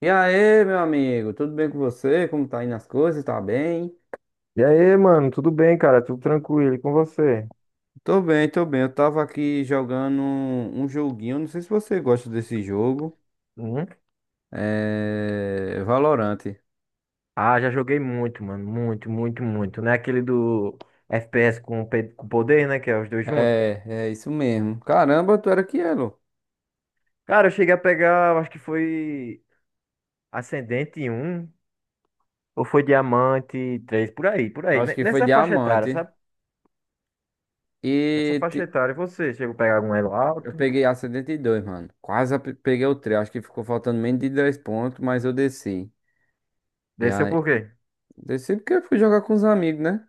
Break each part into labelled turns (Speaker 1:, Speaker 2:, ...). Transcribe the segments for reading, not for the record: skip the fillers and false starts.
Speaker 1: E aí, meu amigo, tudo bem com você? Como tá indo as coisas? Tá bem?
Speaker 2: E aí, mano, tudo bem, cara? Tudo tranquilo e com você?
Speaker 1: Tô bem, tô bem. Eu tava aqui jogando um joguinho. Não sei se você gosta desse jogo.
Speaker 2: Uhum.
Speaker 1: É. Valorante.
Speaker 2: Ah, já joguei muito, mano. Muito, muito, muito. Não é aquele do FPS com, com poder, né? Que é os dois juntos.
Speaker 1: É, isso mesmo. Caramba, tu era Elo.
Speaker 2: Cara, eu cheguei a pegar, eu acho que foi Ascendente um ou foi Diamante 3 por aí, por
Speaker 1: Eu
Speaker 2: aí.
Speaker 1: acho que foi
Speaker 2: Nessa faixa etária,
Speaker 1: diamante.
Speaker 2: sabe?
Speaker 1: E
Speaker 2: Nessa faixa
Speaker 1: te-
Speaker 2: etária, e você chegou a pegar algum elo
Speaker 1: eu
Speaker 2: alto.
Speaker 1: peguei a 72, mano. Quase peguei o 3. Acho que ficou faltando menos de 10 pontos, mas eu desci. E
Speaker 2: Desceu
Speaker 1: aí,
Speaker 2: por quê?
Speaker 1: desci porque eu fui jogar com os amigos, né?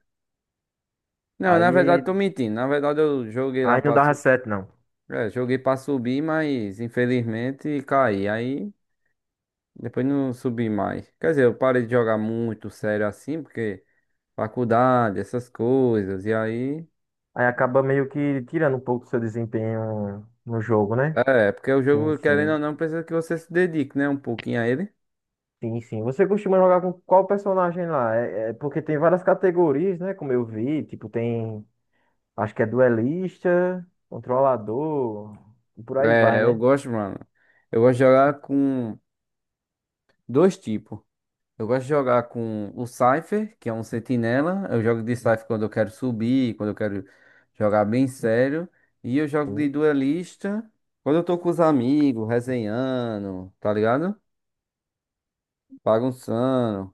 Speaker 1: Não, na verdade,
Speaker 2: Aí,
Speaker 1: tô mentindo. Na verdade, eu joguei lá,
Speaker 2: aí não
Speaker 1: pra.
Speaker 2: dava certo, não.
Speaker 1: É, joguei pra subir, mas infelizmente caí. Aí depois não subi mais. Quer dizer, eu parei de jogar muito sério assim, porque faculdade, essas coisas. E aí.
Speaker 2: Aí acaba meio que tirando um pouco do seu desempenho no jogo, né?
Speaker 1: É, porque o
Speaker 2: Sim,
Speaker 1: jogo, querendo ou
Speaker 2: sim.
Speaker 1: não, precisa que você se dedique, né? Um pouquinho a ele.
Speaker 2: Sim, sim. Você costuma jogar com qual personagem lá? É, é porque tem várias categorias, né? Como eu vi, tipo, tem. Acho que é duelista, controlador, e por aí vai,
Speaker 1: É, eu
Speaker 2: né?
Speaker 1: gosto, mano. Eu gosto de jogar com dois tipos. Eu gosto de jogar com o Cypher, que é um sentinela. Eu jogo de Cypher quando eu quero subir, quando eu quero jogar bem sério. E eu jogo de
Speaker 2: Sim.
Speaker 1: duelista quando eu tô com os amigos, resenhando, tá ligado? Bagunçando.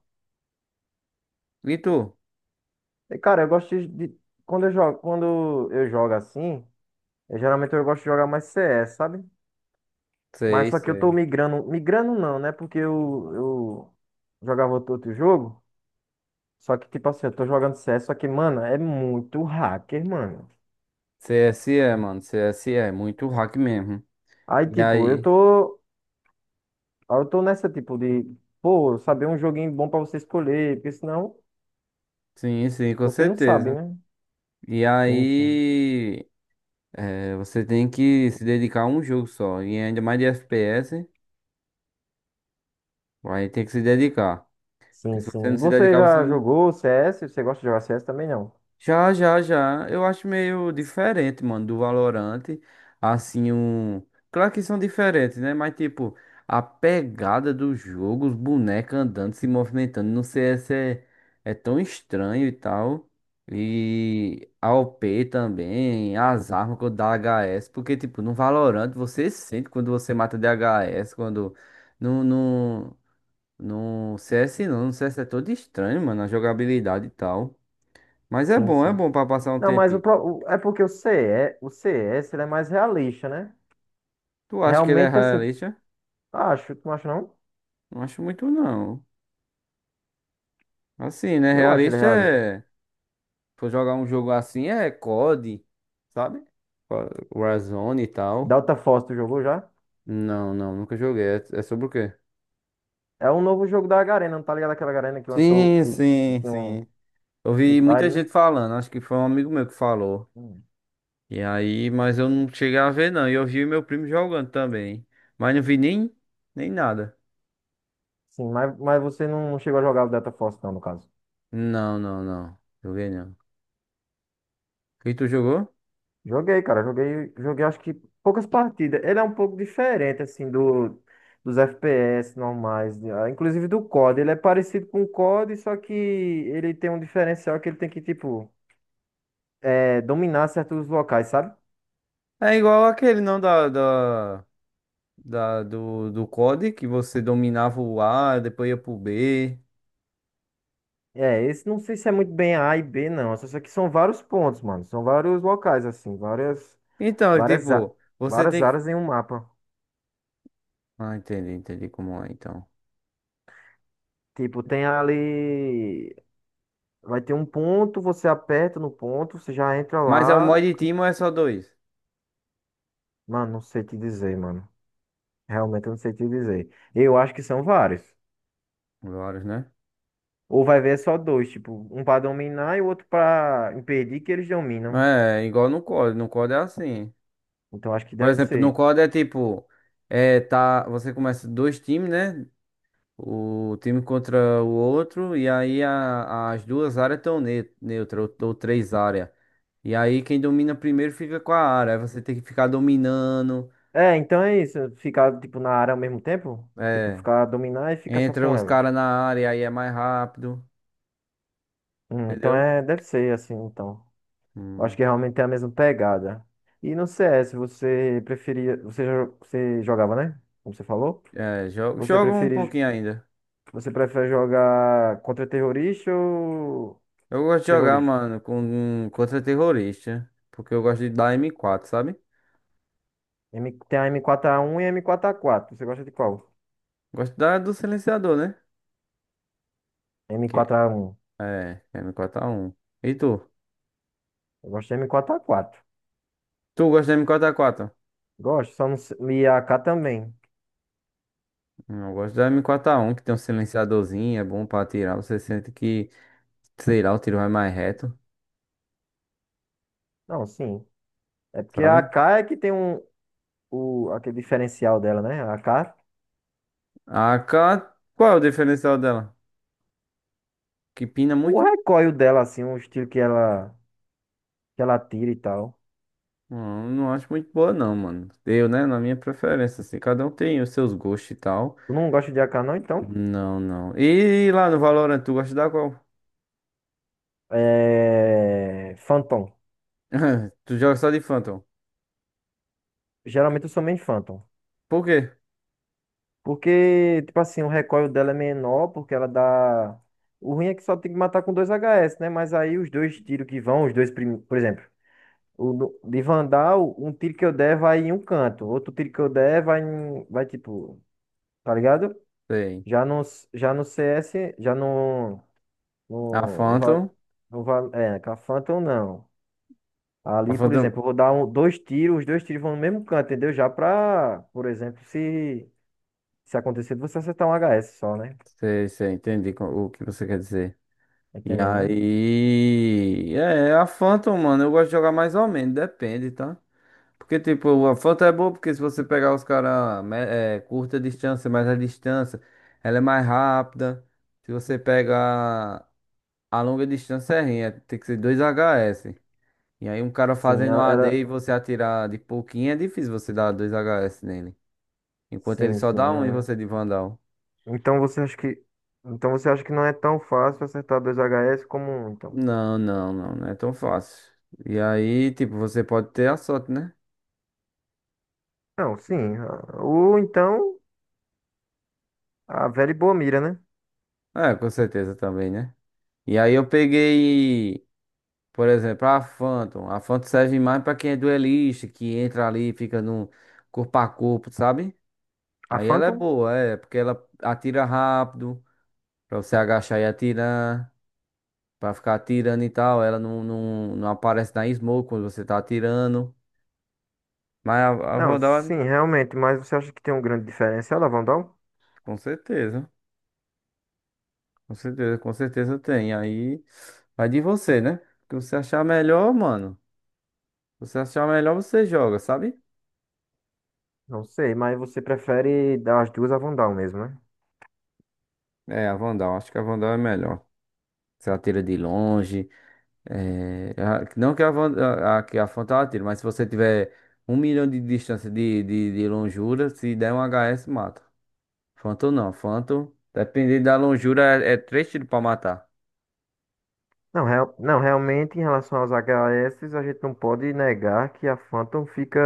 Speaker 1: E tu?
Speaker 2: E, cara, eu gosto de. De- quando eu jogo, quando eu jogo assim, eu, geralmente eu gosto de jogar mais CS, sabe? Mas
Speaker 1: Sei,
Speaker 2: só que eu tô
Speaker 1: sei.
Speaker 2: migrando. Migrando não, né? Porque eu jogava outro jogo. Só que, tipo assim, eu tô jogando CS, só que, mano, é muito hacker, mano.
Speaker 1: C S E, mano. C S E, muito hack mesmo.
Speaker 2: Aí,
Speaker 1: E
Speaker 2: tipo, eu
Speaker 1: aí?
Speaker 2: tô. Aí eu tô nessa tipo de, pô, saber um joguinho bom pra você escolher, porque senão
Speaker 1: Sim, sim, com
Speaker 2: você não sabe,
Speaker 1: certeza.
Speaker 2: né?
Speaker 1: E
Speaker 2: Sim, sim.
Speaker 1: aí, você tem que se dedicar a um jogo só. E ainda mais de FPS, aí tem que se dedicar.
Speaker 2: Sim,
Speaker 1: Porque se você
Speaker 2: sim.
Speaker 1: não se
Speaker 2: Você
Speaker 1: dedicar, você
Speaker 2: já
Speaker 1: não.
Speaker 2: jogou CS? Você gosta de jogar CS também não?
Speaker 1: Já, já, já. Eu acho meio diferente, mano, do Valorant. Assim, um. Claro que são diferentes, né? Mas, tipo, a pegada do jogo, os bonecos andando, se movimentando no CS é tão estranho e tal. E a O p também, as armas quando dá HS. Porque, tipo, no Valorant você sente quando você mata DHS, quando. no no no CS não, no CS é todo estranho, mano, a jogabilidade e tal. Mas
Speaker 2: Sim,
Speaker 1: é
Speaker 2: sim.
Speaker 1: bom pra passar um
Speaker 2: Não,
Speaker 1: tempo.
Speaker 2: mas é porque o CE, o CS, ele é mais realista, né?
Speaker 1: Tu acha que ele é
Speaker 2: Realmente assim,
Speaker 1: realista?
Speaker 2: acho, tu não acha não?
Speaker 1: Não acho muito não. Assim, né?
Speaker 2: Eu acho ele
Speaker 1: Realista
Speaker 2: realista.
Speaker 1: é. For jogar um jogo assim é COD, sabe? Warzone e tal.
Speaker 2: Delta Force, tu jogou já?
Speaker 1: Não, não, nunca joguei. É, sobre o quê?
Speaker 2: É um novo jogo da Garena, não tá ligado aquela Garena que lançou
Speaker 1: Sim,
Speaker 2: que
Speaker 1: sim,
Speaker 2: que um
Speaker 1: sim. Eu
Speaker 2: Free
Speaker 1: vi
Speaker 2: Fire,
Speaker 1: muita
Speaker 2: né?
Speaker 1: gente falando, acho que foi um amigo meu que falou.
Speaker 2: Hum.
Speaker 1: E aí, mas eu não cheguei a ver não. E eu vi meu primo jogando também. Mas não vi nem, nada.
Speaker 2: Sim, mas você não chegou a jogar o Delta Force não, no caso.
Speaker 1: Não, não, não. Joguei não. E tu jogou?
Speaker 2: Joguei, cara, joguei, joguei acho que poucas partidas. Ele é um pouco diferente, assim, do, dos FPS normais, inclusive do COD. Ele é parecido com o COD, só que ele tem um diferencial que ele tem que, tipo, é, dominar certos locais, sabe?
Speaker 1: É igual aquele, não, do COD, que você dominava o A, depois ia pro B.
Speaker 2: É, esse não sei se é muito bem A e B, não. Só que são vários pontos, mano. São vários locais, assim,
Speaker 1: Então, é
Speaker 2: várias, a-
Speaker 1: tipo, você
Speaker 2: várias
Speaker 1: tem que...
Speaker 2: áreas em um mapa.
Speaker 1: Ah, entendi, entendi como é, então.
Speaker 2: Tipo, tem ali. Vai ter um ponto, você aperta no ponto, você já entra
Speaker 1: Mas é o
Speaker 2: lá.
Speaker 1: mod team ou é só dois?
Speaker 2: Mano, não sei te dizer, mano. Realmente eu não sei te dizer. Eu acho que são vários.
Speaker 1: Vários, né?
Speaker 2: Ou vai ver é só dois, tipo, um pra dominar e o outro pra impedir que eles dominam.
Speaker 1: É, igual no COD. No COD é assim.
Speaker 2: Então acho que
Speaker 1: Por
Speaker 2: deve
Speaker 1: exemplo, no
Speaker 2: ser.
Speaker 1: COD é tipo... É, tá, você começa dois times, né? O time contra o outro, e aí as duas áreas estão ne neutras, ou três áreas. E aí quem domina primeiro fica com a área. Aí você tem que ficar dominando.
Speaker 2: É, então é isso. Ficar, tipo, na área ao mesmo tempo. Tipo,
Speaker 1: É,
Speaker 2: ficar dominar e ficar só
Speaker 1: entra
Speaker 2: com
Speaker 1: os
Speaker 2: ela.
Speaker 1: caras na área, aí é mais rápido,
Speaker 2: Então
Speaker 1: entendeu?
Speaker 2: é, deve ser assim, então. Eu acho
Speaker 1: Hum,
Speaker 2: que realmente é a mesma pegada. E no CS, você preferia. Você jogava, né? Como você falou?
Speaker 1: é, jogo,
Speaker 2: Você
Speaker 1: jogo um
Speaker 2: prefere,
Speaker 1: pouquinho ainda.
Speaker 2: você prefere jogar contra terrorista ou
Speaker 1: Eu gosto de jogar,
Speaker 2: terrorista?
Speaker 1: mano, com contra terrorista. Porque eu gosto de dar M4, sabe?
Speaker 2: Tem a M4A1 e a M4A4. Você gosta de qual?
Speaker 1: Gosto da do silenciador, né? Que,
Speaker 2: M4A1.
Speaker 1: é, M4A1. E tu?
Speaker 2: Eu gosto de M4A4.
Speaker 1: Tu gosta de M4A4?
Speaker 2: Gosto, só não sei. E a AK também.
Speaker 1: Eu gosto da M4A1, que tem um silenciadorzinho, é bom pra atirar. Você sente que, sei lá, o tiro vai mais reto,
Speaker 2: Não, sim. É porque a
Speaker 1: sabe?
Speaker 2: AK é que tem um, o, aquele diferencial dela, né? A AK,
Speaker 1: A AK, qual é o diferencial dela? Que pina
Speaker 2: o
Speaker 1: muito?
Speaker 2: recoil dela, assim, o estilo que ela tira e tal.
Speaker 1: Não, não acho muito boa, não, mano. Eu, né, na minha preferência, assim, cada um tem os seus gostos e tal.
Speaker 2: Tu não gosta de AK, não, então?
Speaker 1: Não, não. E lá no Valorant, tu gosta da qual?
Speaker 2: É. Phantom.
Speaker 1: Tu joga só de Phantom.
Speaker 2: Geralmente eu sou meio Phantom.
Speaker 1: Por quê?
Speaker 2: Porque, tipo assim, o recoil dela é menor, porque ela dá. O ruim é que só tem que matar com dois HS, né? Mas aí os dois tiros que vão, os dois primeiros. Por exemplo, de Vandal, um tiro que eu der vai em um canto, outro tiro que eu der vai em. Vai tipo. Tá ligado?
Speaker 1: Sei.
Speaker 2: Já no, já no CS, já no.
Speaker 1: A
Speaker 2: No, no, Va-
Speaker 1: Phantom.
Speaker 2: no, Va- é, com a Phantom não.
Speaker 1: A
Speaker 2: Ali, por
Speaker 1: Phantom.
Speaker 2: exemplo, eu vou dar um, dois tiros, os dois tiros vão no mesmo canto, entendeu? Já pra, por exemplo, se acontecer de você acertar um HS só, né?
Speaker 1: Sei, sei, entendi o que você quer dizer. E
Speaker 2: Entendendo, né?
Speaker 1: aí. É, a Phantom, mano, eu gosto de jogar mais ou menos, depende, tá? Porque, tipo, a Phantom é boa porque se você pegar os caras é, curta distância, mas a distância, ela é mais rápida. Se você pegar a longa distância, é ruim, tem que ser 2HS. E aí, um cara
Speaker 2: Sim,
Speaker 1: fazendo um
Speaker 2: ela,
Speaker 1: a AD
Speaker 2: ela-
Speaker 1: e você atirar de pouquinho, é difícil você dar 2HS nele. Enquanto ele
Speaker 2: sim,
Speaker 1: só dá
Speaker 2: sim.
Speaker 1: um e você
Speaker 2: É.
Speaker 1: de Vandal.
Speaker 2: Então você acha que, então você acha que não é tão fácil acertar dois H S como um, então?
Speaker 1: Não, não, não, não é tão fácil. E aí, tipo, você pode ter a sorte, né?
Speaker 2: Não, sim. Ou então a velha e boa mira, né?
Speaker 1: É, com certeza também, né? E aí eu peguei, por exemplo, a Phantom. A Phantom serve mais pra quem é duelista, que entra ali e fica no corpo a corpo, sabe?
Speaker 2: A
Speaker 1: Aí ela é
Speaker 2: Phantom?
Speaker 1: boa, é, porque ela atira rápido, pra você agachar e atirar, pra ficar atirando e tal. Ela não, não, não aparece na smoke quando você tá atirando. Mas a
Speaker 2: Não, sim,
Speaker 1: Vandal,
Speaker 2: realmente. Mas você acha que tem um grande diferencial a Vandal?
Speaker 1: com certeza, com certeza, com certeza tem. Aí vai de você, né? O que você achar melhor, mano. Se você achar melhor, você joga, sabe?
Speaker 2: Não sei, mas você prefere dar as duas a Vandal mesmo, né?
Speaker 1: É, a Vandal, acho que a Vandal é melhor. Se atira de longe. É, não que a, Vandal, a, que a Fanta ela, mas se você tiver um milhão de distância de, de longura, se der um HS, mata. Phantom não, Phantom, dependendo da longura, é três tiros pra matar.
Speaker 2: Não, real, não, realmente em relação aos H S a gente não pode negar que a Phantom fica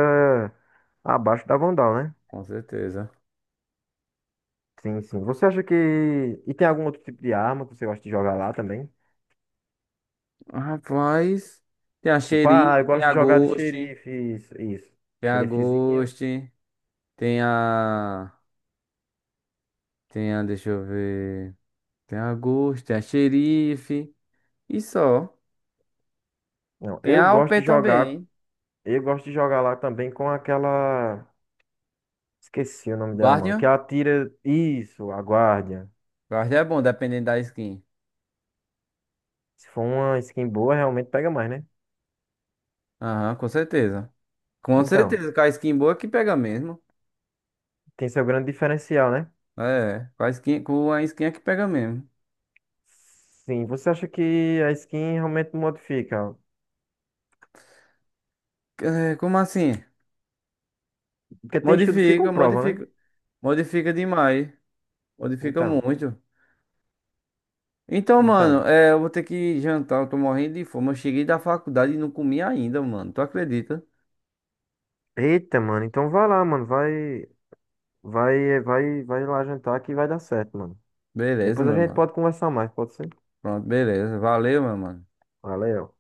Speaker 2: abaixo da Vandal, né?
Speaker 1: Com certeza.
Speaker 2: Sim, sim. Você acha que. E tem algum outro tipo de arma que você gosta de jogar lá também?
Speaker 1: Rapaz, tem a
Speaker 2: Tipo, ah,
Speaker 1: Xeri,
Speaker 2: eu
Speaker 1: tem
Speaker 2: gosto de
Speaker 1: a
Speaker 2: jogar de
Speaker 1: Ghost,
Speaker 2: xerife, isso, isso.
Speaker 1: tem a
Speaker 2: Xerifezinha.
Speaker 1: Ghost, tem a. Tem a, deixa eu ver. Tem a Ghost, tem a Xerife. E só.
Speaker 2: Não,
Speaker 1: Tem
Speaker 2: eu
Speaker 1: a
Speaker 2: gosto
Speaker 1: OP
Speaker 2: de jogar.
Speaker 1: também,
Speaker 2: Eu gosto de jogar lá também com aquela. Esqueci o nome dela, mano. Que
Speaker 1: Guardian?
Speaker 2: ela tira. Isso, a guardia.
Speaker 1: Guardian é bom, dependendo da skin.
Speaker 2: Se for uma skin boa, realmente pega mais, né?
Speaker 1: Aham, com certeza. Com
Speaker 2: Então,
Speaker 1: certeza, com a skin boa que pega mesmo.
Speaker 2: tem seu grande diferencial, né?
Speaker 1: É, com a skin é que pega mesmo.
Speaker 2: Sim, você acha que a skin realmente modifica?
Speaker 1: É, como assim?
Speaker 2: Porque tem estudos que
Speaker 1: Modifica,
Speaker 2: comprovam, né?
Speaker 1: modifica. Modifica demais. Modifica
Speaker 2: Então,
Speaker 1: muito. Então, mano,
Speaker 2: então.
Speaker 1: é, eu vou ter que jantar, eu tô morrendo de fome. Eu cheguei da faculdade e não comi ainda, mano. Tu acredita?
Speaker 2: Eita, mano, então vai lá, mano, vai, vai lá jantar que vai dar certo, mano.
Speaker 1: Beleza,
Speaker 2: Depois a
Speaker 1: meu
Speaker 2: gente
Speaker 1: mano.
Speaker 2: pode conversar mais, pode ser?
Speaker 1: Pronto, beleza. Valeu, meu mano.
Speaker 2: Valeu.